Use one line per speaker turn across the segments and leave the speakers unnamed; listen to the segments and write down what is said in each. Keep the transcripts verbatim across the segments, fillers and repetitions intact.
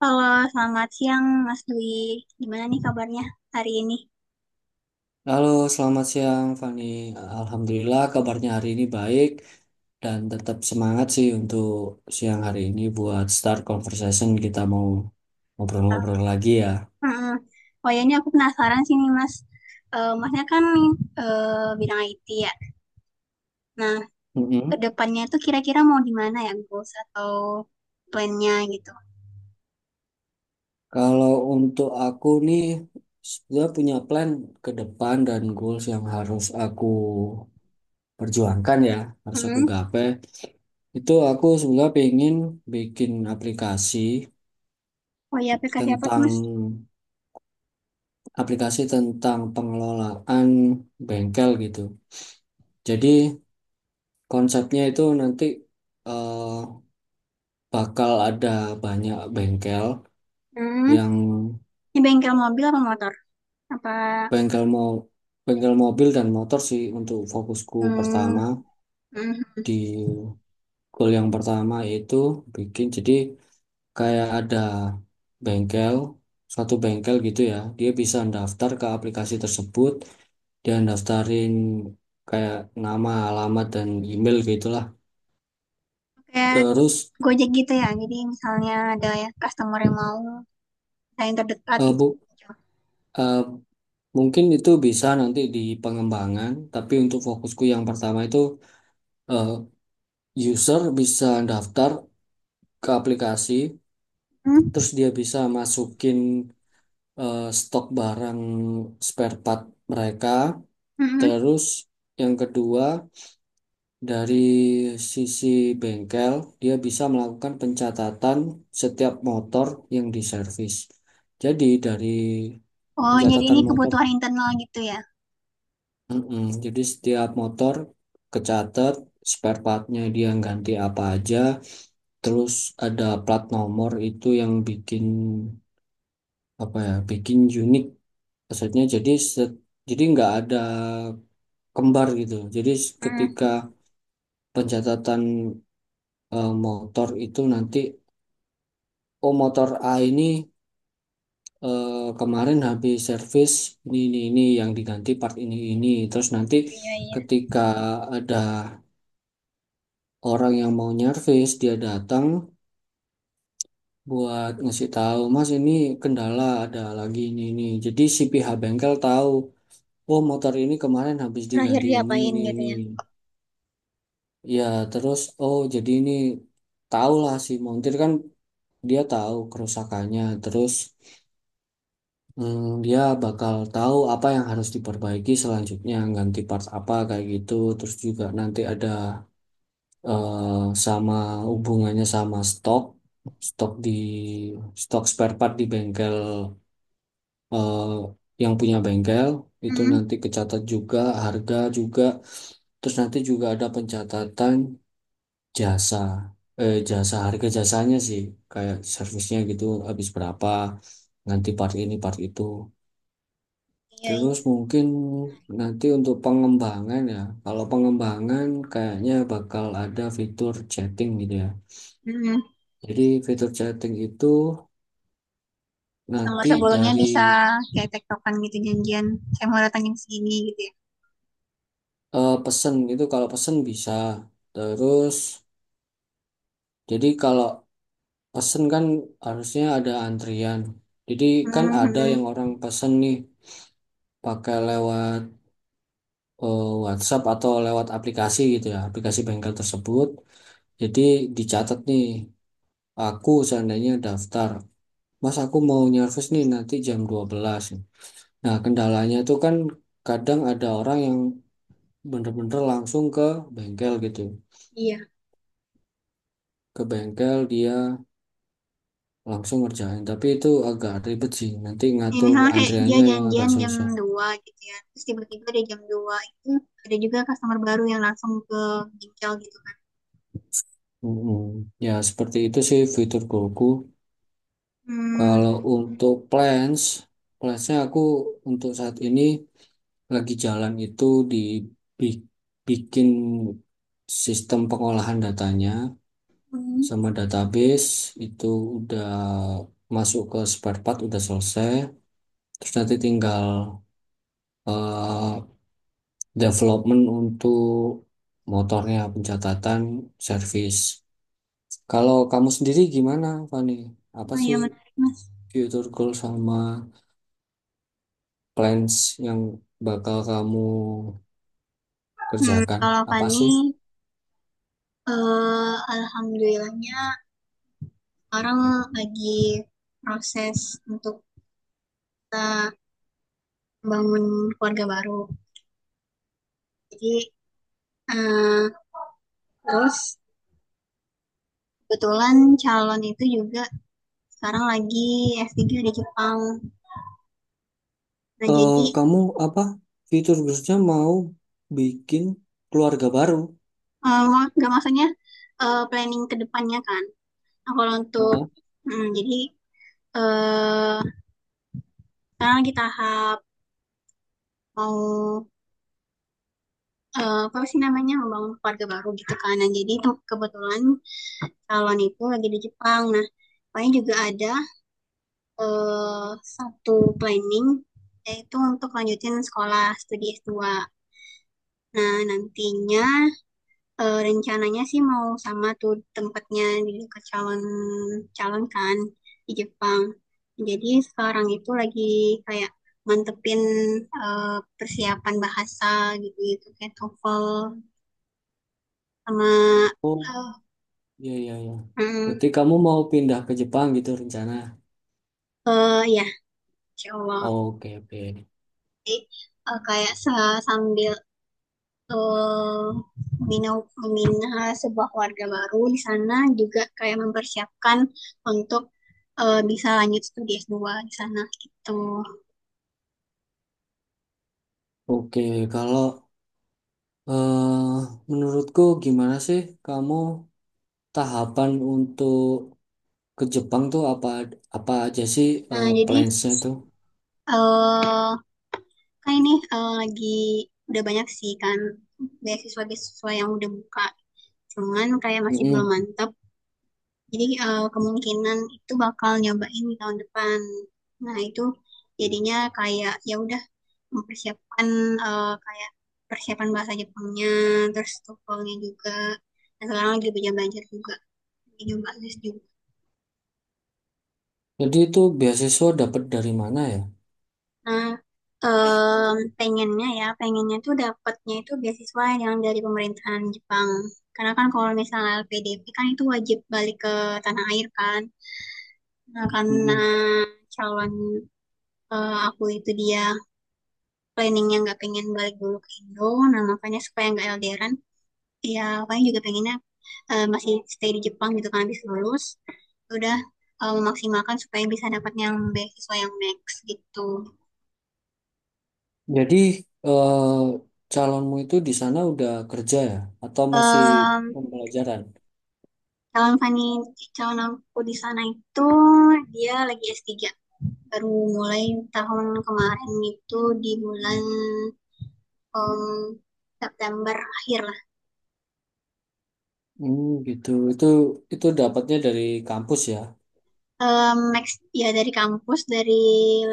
Halo, selamat siang Mas Dwi. Gimana nih kabarnya hari ini?
Halo, selamat siang Fani. Alhamdulillah kabarnya hari ini baik dan tetap semangat sih untuk siang hari ini buat start conversation kita mau ngobrol-ngobrol lagi ya.
Mm-mm. Oh ya, ini aku penasaran sih nih Mas. Eh, masnya kan eh, bidang I T ya. Nah, ke
Mm-mm.
depannya itu kira-kira mau di mana ya goals atau plannya gitu?
Kalau untuk aku nih sudah punya plan ke depan dan goals yang harus aku perjuangkan ya, harus aku
Mm-mm.
gapai. Itu aku sebenarnya pengen bikin aplikasi
Oh ya, aplikasi apa tuh
tentang
Mas?
aplikasi tentang pengelolaan bengkel gitu. Jadi konsepnya itu nanti eh, bakal ada banyak bengkel
Mm-mm.
yang
Ini bengkel mobil apa motor? Apa?
bengkel mau bengkel mobil dan motor sih untuk fokusku
Mm,
pertama
mm.
di goal yang pertama itu bikin jadi kayak ada bengkel satu bengkel gitu ya, dia bisa daftar ke aplikasi tersebut. Dia daftarin kayak nama, alamat, dan email gitu.
Kayak
Terus
Gojek gitu ya. Jadi misalnya ada ya customer yang mau saya yang terdekat
eh,
gitu.
bu, eh, mungkin itu bisa nanti di pengembangan, tapi untuk fokusku yang pertama itu, eh, user bisa daftar ke aplikasi, terus dia bisa masukin eh, stok barang spare part mereka.
mm
Terus yang kedua dari sisi bengkel, dia bisa melakukan pencatatan setiap motor yang diservis. Jadi dari
Oh, jadi ini
pencatatan motor.
kebutuhan internal gitu ya?
Mm-mm. Jadi setiap motor kecatat spare partnya dia ganti apa aja, terus ada plat nomor itu yang bikin apa ya, bikin unik. Maksudnya jadi set- jadi nggak ada kembar gitu. Jadi s- ketika
Hmm,
pencatatan eh, motor itu nanti, oh motor A ini eh, kemarin habis servis ini ini ini yang diganti, part ini ini. Terus nanti
iya iya.
ketika ada orang yang mau nyervis dia datang buat ngasih tahu, mas ini kendala ada lagi ini ini jadi si pihak bengkel tahu oh motor ini kemarin habis
Terakhir
diganti ini
diapain
ini
gitu
ini
ya?
ya. Terus oh jadi ini tahu lah si montir kan, dia tahu kerusakannya. Terus hmm, dia bakal tahu apa yang harus diperbaiki selanjutnya, ganti part apa kayak gitu. Terus juga nanti ada eh, sama hubungannya sama stok, stok di stok spare part di bengkel, eh, yang punya bengkel itu
Hmm,
nanti kecatat juga, harga juga. Terus nanti juga ada pencatatan jasa, eh, jasa harga jasanya sih, kayak servisnya gitu habis berapa, nanti part ini part itu.
iya iya.
Terus mungkin nanti untuk pengembangan ya, kalau pengembangan kayaknya bakal ada fitur chatting gitu ya.
Hmm,
Jadi fitur chatting itu
sama
nanti
sebelumnya
dari
bisa kayak tektokan gitu janjian. Saya mau datang jam segini gitu ya.
eh, pesen itu, kalau pesen bisa. Terus jadi kalau pesen kan harusnya ada antrian. Jadi kan
Hmm,
ada
hmm,
yang orang pesen nih pakai lewat eh, WhatsApp atau lewat aplikasi gitu ya, aplikasi bengkel tersebut. Jadi dicatat nih, aku seandainya daftar, mas aku mau nyervis nih nanti jam dua belas. Nah, kendalanya itu kan kadang ada orang yang bener-bener langsung ke bengkel gitu.
iya.
Ke bengkel dia langsung ngerjain. Tapi itu agak ribet sih. Nanti
Ya,
ngatur
misalnya kayak dia
antriannya yang agak
janjian jam
susah.
dua gitu ya. Terus tiba-tiba dia jam dua itu ada juga customer baru yang langsung ke ginjal gitu kan.
Mm-mm. Ya seperti itu sih fitur Goku.
Hmm,
Kalau untuk plans, plansnya aku untuk saat ini lagi jalan itu dibikin sistem pengolahan datanya
hmm.
sama database itu udah masuk ke spare part udah selesai. Terus nanti tinggal eh, development untuk motornya, pencatatan, servis. Kalau kamu sendiri gimana, Fani? Apa
Oh, iya
sih
menarik mas.
future goal sama plans yang bakal kamu
Hmm,
kerjakan?
kalau
Apa
Fani,
sih?
eh, alhamdulillahnya sekarang lagi proses untuk kita bangun keluarga baru. Jadi eh, terus kebetulan calon itu juga sekarang lagi S tiga di Jepang. Nah
Eh,
jadi
kamu apa? Future goalsnya mau bikin keluarga baru?
eh, mau nggak maksudnya eh, planning kedepannya kan. Nah, kalau untuk
Heeh.
hmm, jadi eh sekarang lagi tahap mau eh, apa sih namanya membangun keluarga baru gitu kan. Nah, jadi kebetulan calon itu lagi di Jepang. Nah, pokoknya juga ada eh, satu planning yaitu untuk lanjutin sekolah studi S dua. Nah, nantinya eh, rencananya sih mau sama tuh tempatnya di dekat calon calon kan di Jepang. Jadi sekarang itu lagi kayak mantepin eh, persiapan bahasa gitu-gitu kayak TOEFL sama eh,
Oh, iya iya iya.
mm,
Berarti kamu mau pindah ke Jepang gitu rencana?
eh, ya, Insya Allah.
Oke oke.
Jadi, eh, kayak sambil eh, membina membina sebuah keluarga baru di sana juga kayak mempersiapkan untuk eh, bisa lanjut studi s dua di sana gitu.
Oke, kalau eh menurutku gimana sih kamu tahapan untuk ke Jepang tuh apa apa aja sih,
Nah,
eh,
jadi
plans-nya tuh?
eh kan ini eh, lagi udah banyak sih kan beasiswa-beasiswa yang udah buka. Cuman kayak masih belum
Mm-mm.
mantap. Jadi eh, kemungkinan itu bakal nyobain di tahun depan. Nah, itu jadinya kayak ya udah mempersiapkan eh, kayak persiapan bahasa Jepangnya, terus TOEFL-nya juga. Dan sekarang lagi belajar-belajar juga, lagi nyoba les juga.
Jadi itu beasiswa dapat dari mana ya?
Nah, em, pengennya ya, pengennya tuh dapatnya itu beasiswa yang dari pemerintahan Jepang. Karena kan kalau misalnya L P D P kan itu wajib balik ke tanah air kan. Nah, karena
Mm-mm.
calon eh, aku itu dia planningnya nggak pengen balik dulu ke Indo, nah makanya supaya nggak elderan ya paling juga pengennya eh, masih stay di Jepang gitu kan habis lulus udah eh, memaksimalkan supaya bisa dapat yang beasiswa yang max gitu.
Jadi eh calonmu itu di sana udah kerja ya atau masih
Em,
pembelajaran?
Calon Fani calon aku di sana itu dia lagi s tiga baru mulai tahun kemarin itu di bulan em, September akhir lah.
Hmm, gitu. Itu itu dapatnya dari kampus ya.
Em, Max ya dari kampus dari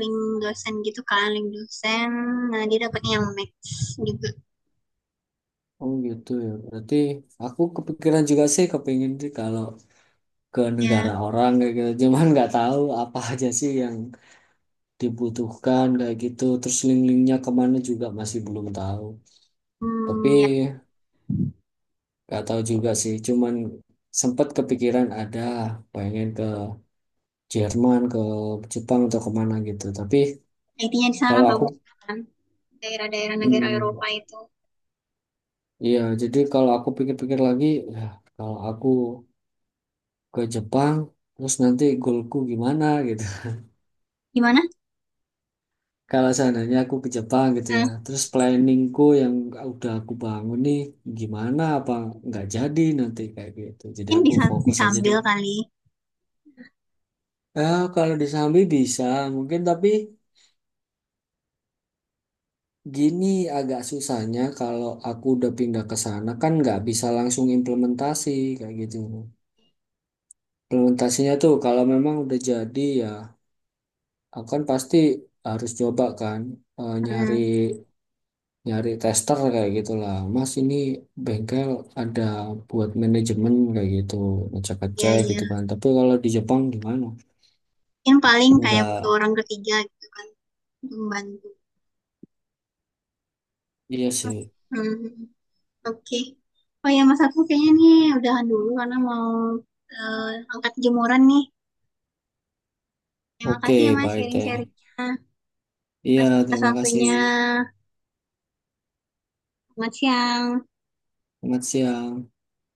link dosen gitu kan link dosen nah dia dapatnya yang max juga.
Oh gitu ya. Berarti aku kepikiran juga sih, kepingin sih kalau ke
Ya
negara orang kayak gitu. Cuman nggak tahu apa aja sih yang dibutuhkan kayak gitu. Terus link-linknya kemana juga masih belum tahu. Tapi
hmm, ya
nggak tahu juga sih. Cuman sempat kepikiran ada pengen ke Jerman, ke Jepang atau kemana gitu. Tapi
I T-nya di sana kan
kalau aku,
bagus kan daerah-daerah negara Eropa
mm,
itu
iya. Jadi kalau aku pikir-pikir lagi, ya, kalau aku ke Jepang, terus nanti goalku gimana gitu.
gimana.
Kalau seandainya aku ke Jepang gitu
Eh,
ya, terus planningku yang udah aku bangun nih gimana, apa nggak jadi nanti kayak gitu. Jadi
Mungkin
aku
bisa
fokus aja
disambil
deh.
kali
Eh, kalau di Sambi bisa mungkin, tapi gini, agak susahnya kalau aku udah pindah ke sana kan nggak bisa langsung implementasi kayak gitu. Implementasinya tuh kalau memang udah jadi ya aku kan pasti harus coba kan, eh, nyari
hmm,
nyari tester kayak gitulah, mas ini bengkel ada buat manajemen kayak gitu,
iya
ngecek-ngecek
iya
gitu kan, tapi kalau di Jepang gimana.
mungkin paling kayak butuh
Enggak,
orang ketiga gitu kan untuk membantu
iya sih.
hmm, oke. Oh ya Mas aku kayaknya nih udahan dulu karena mau eh, angkat jemuran nih terima
Oke,
kasih ya Mas
baik deh,
sharing-sharingnya. Terima
iya
kasih atas
terima kasih.
waktunya, selamat siang.
Selamat siang.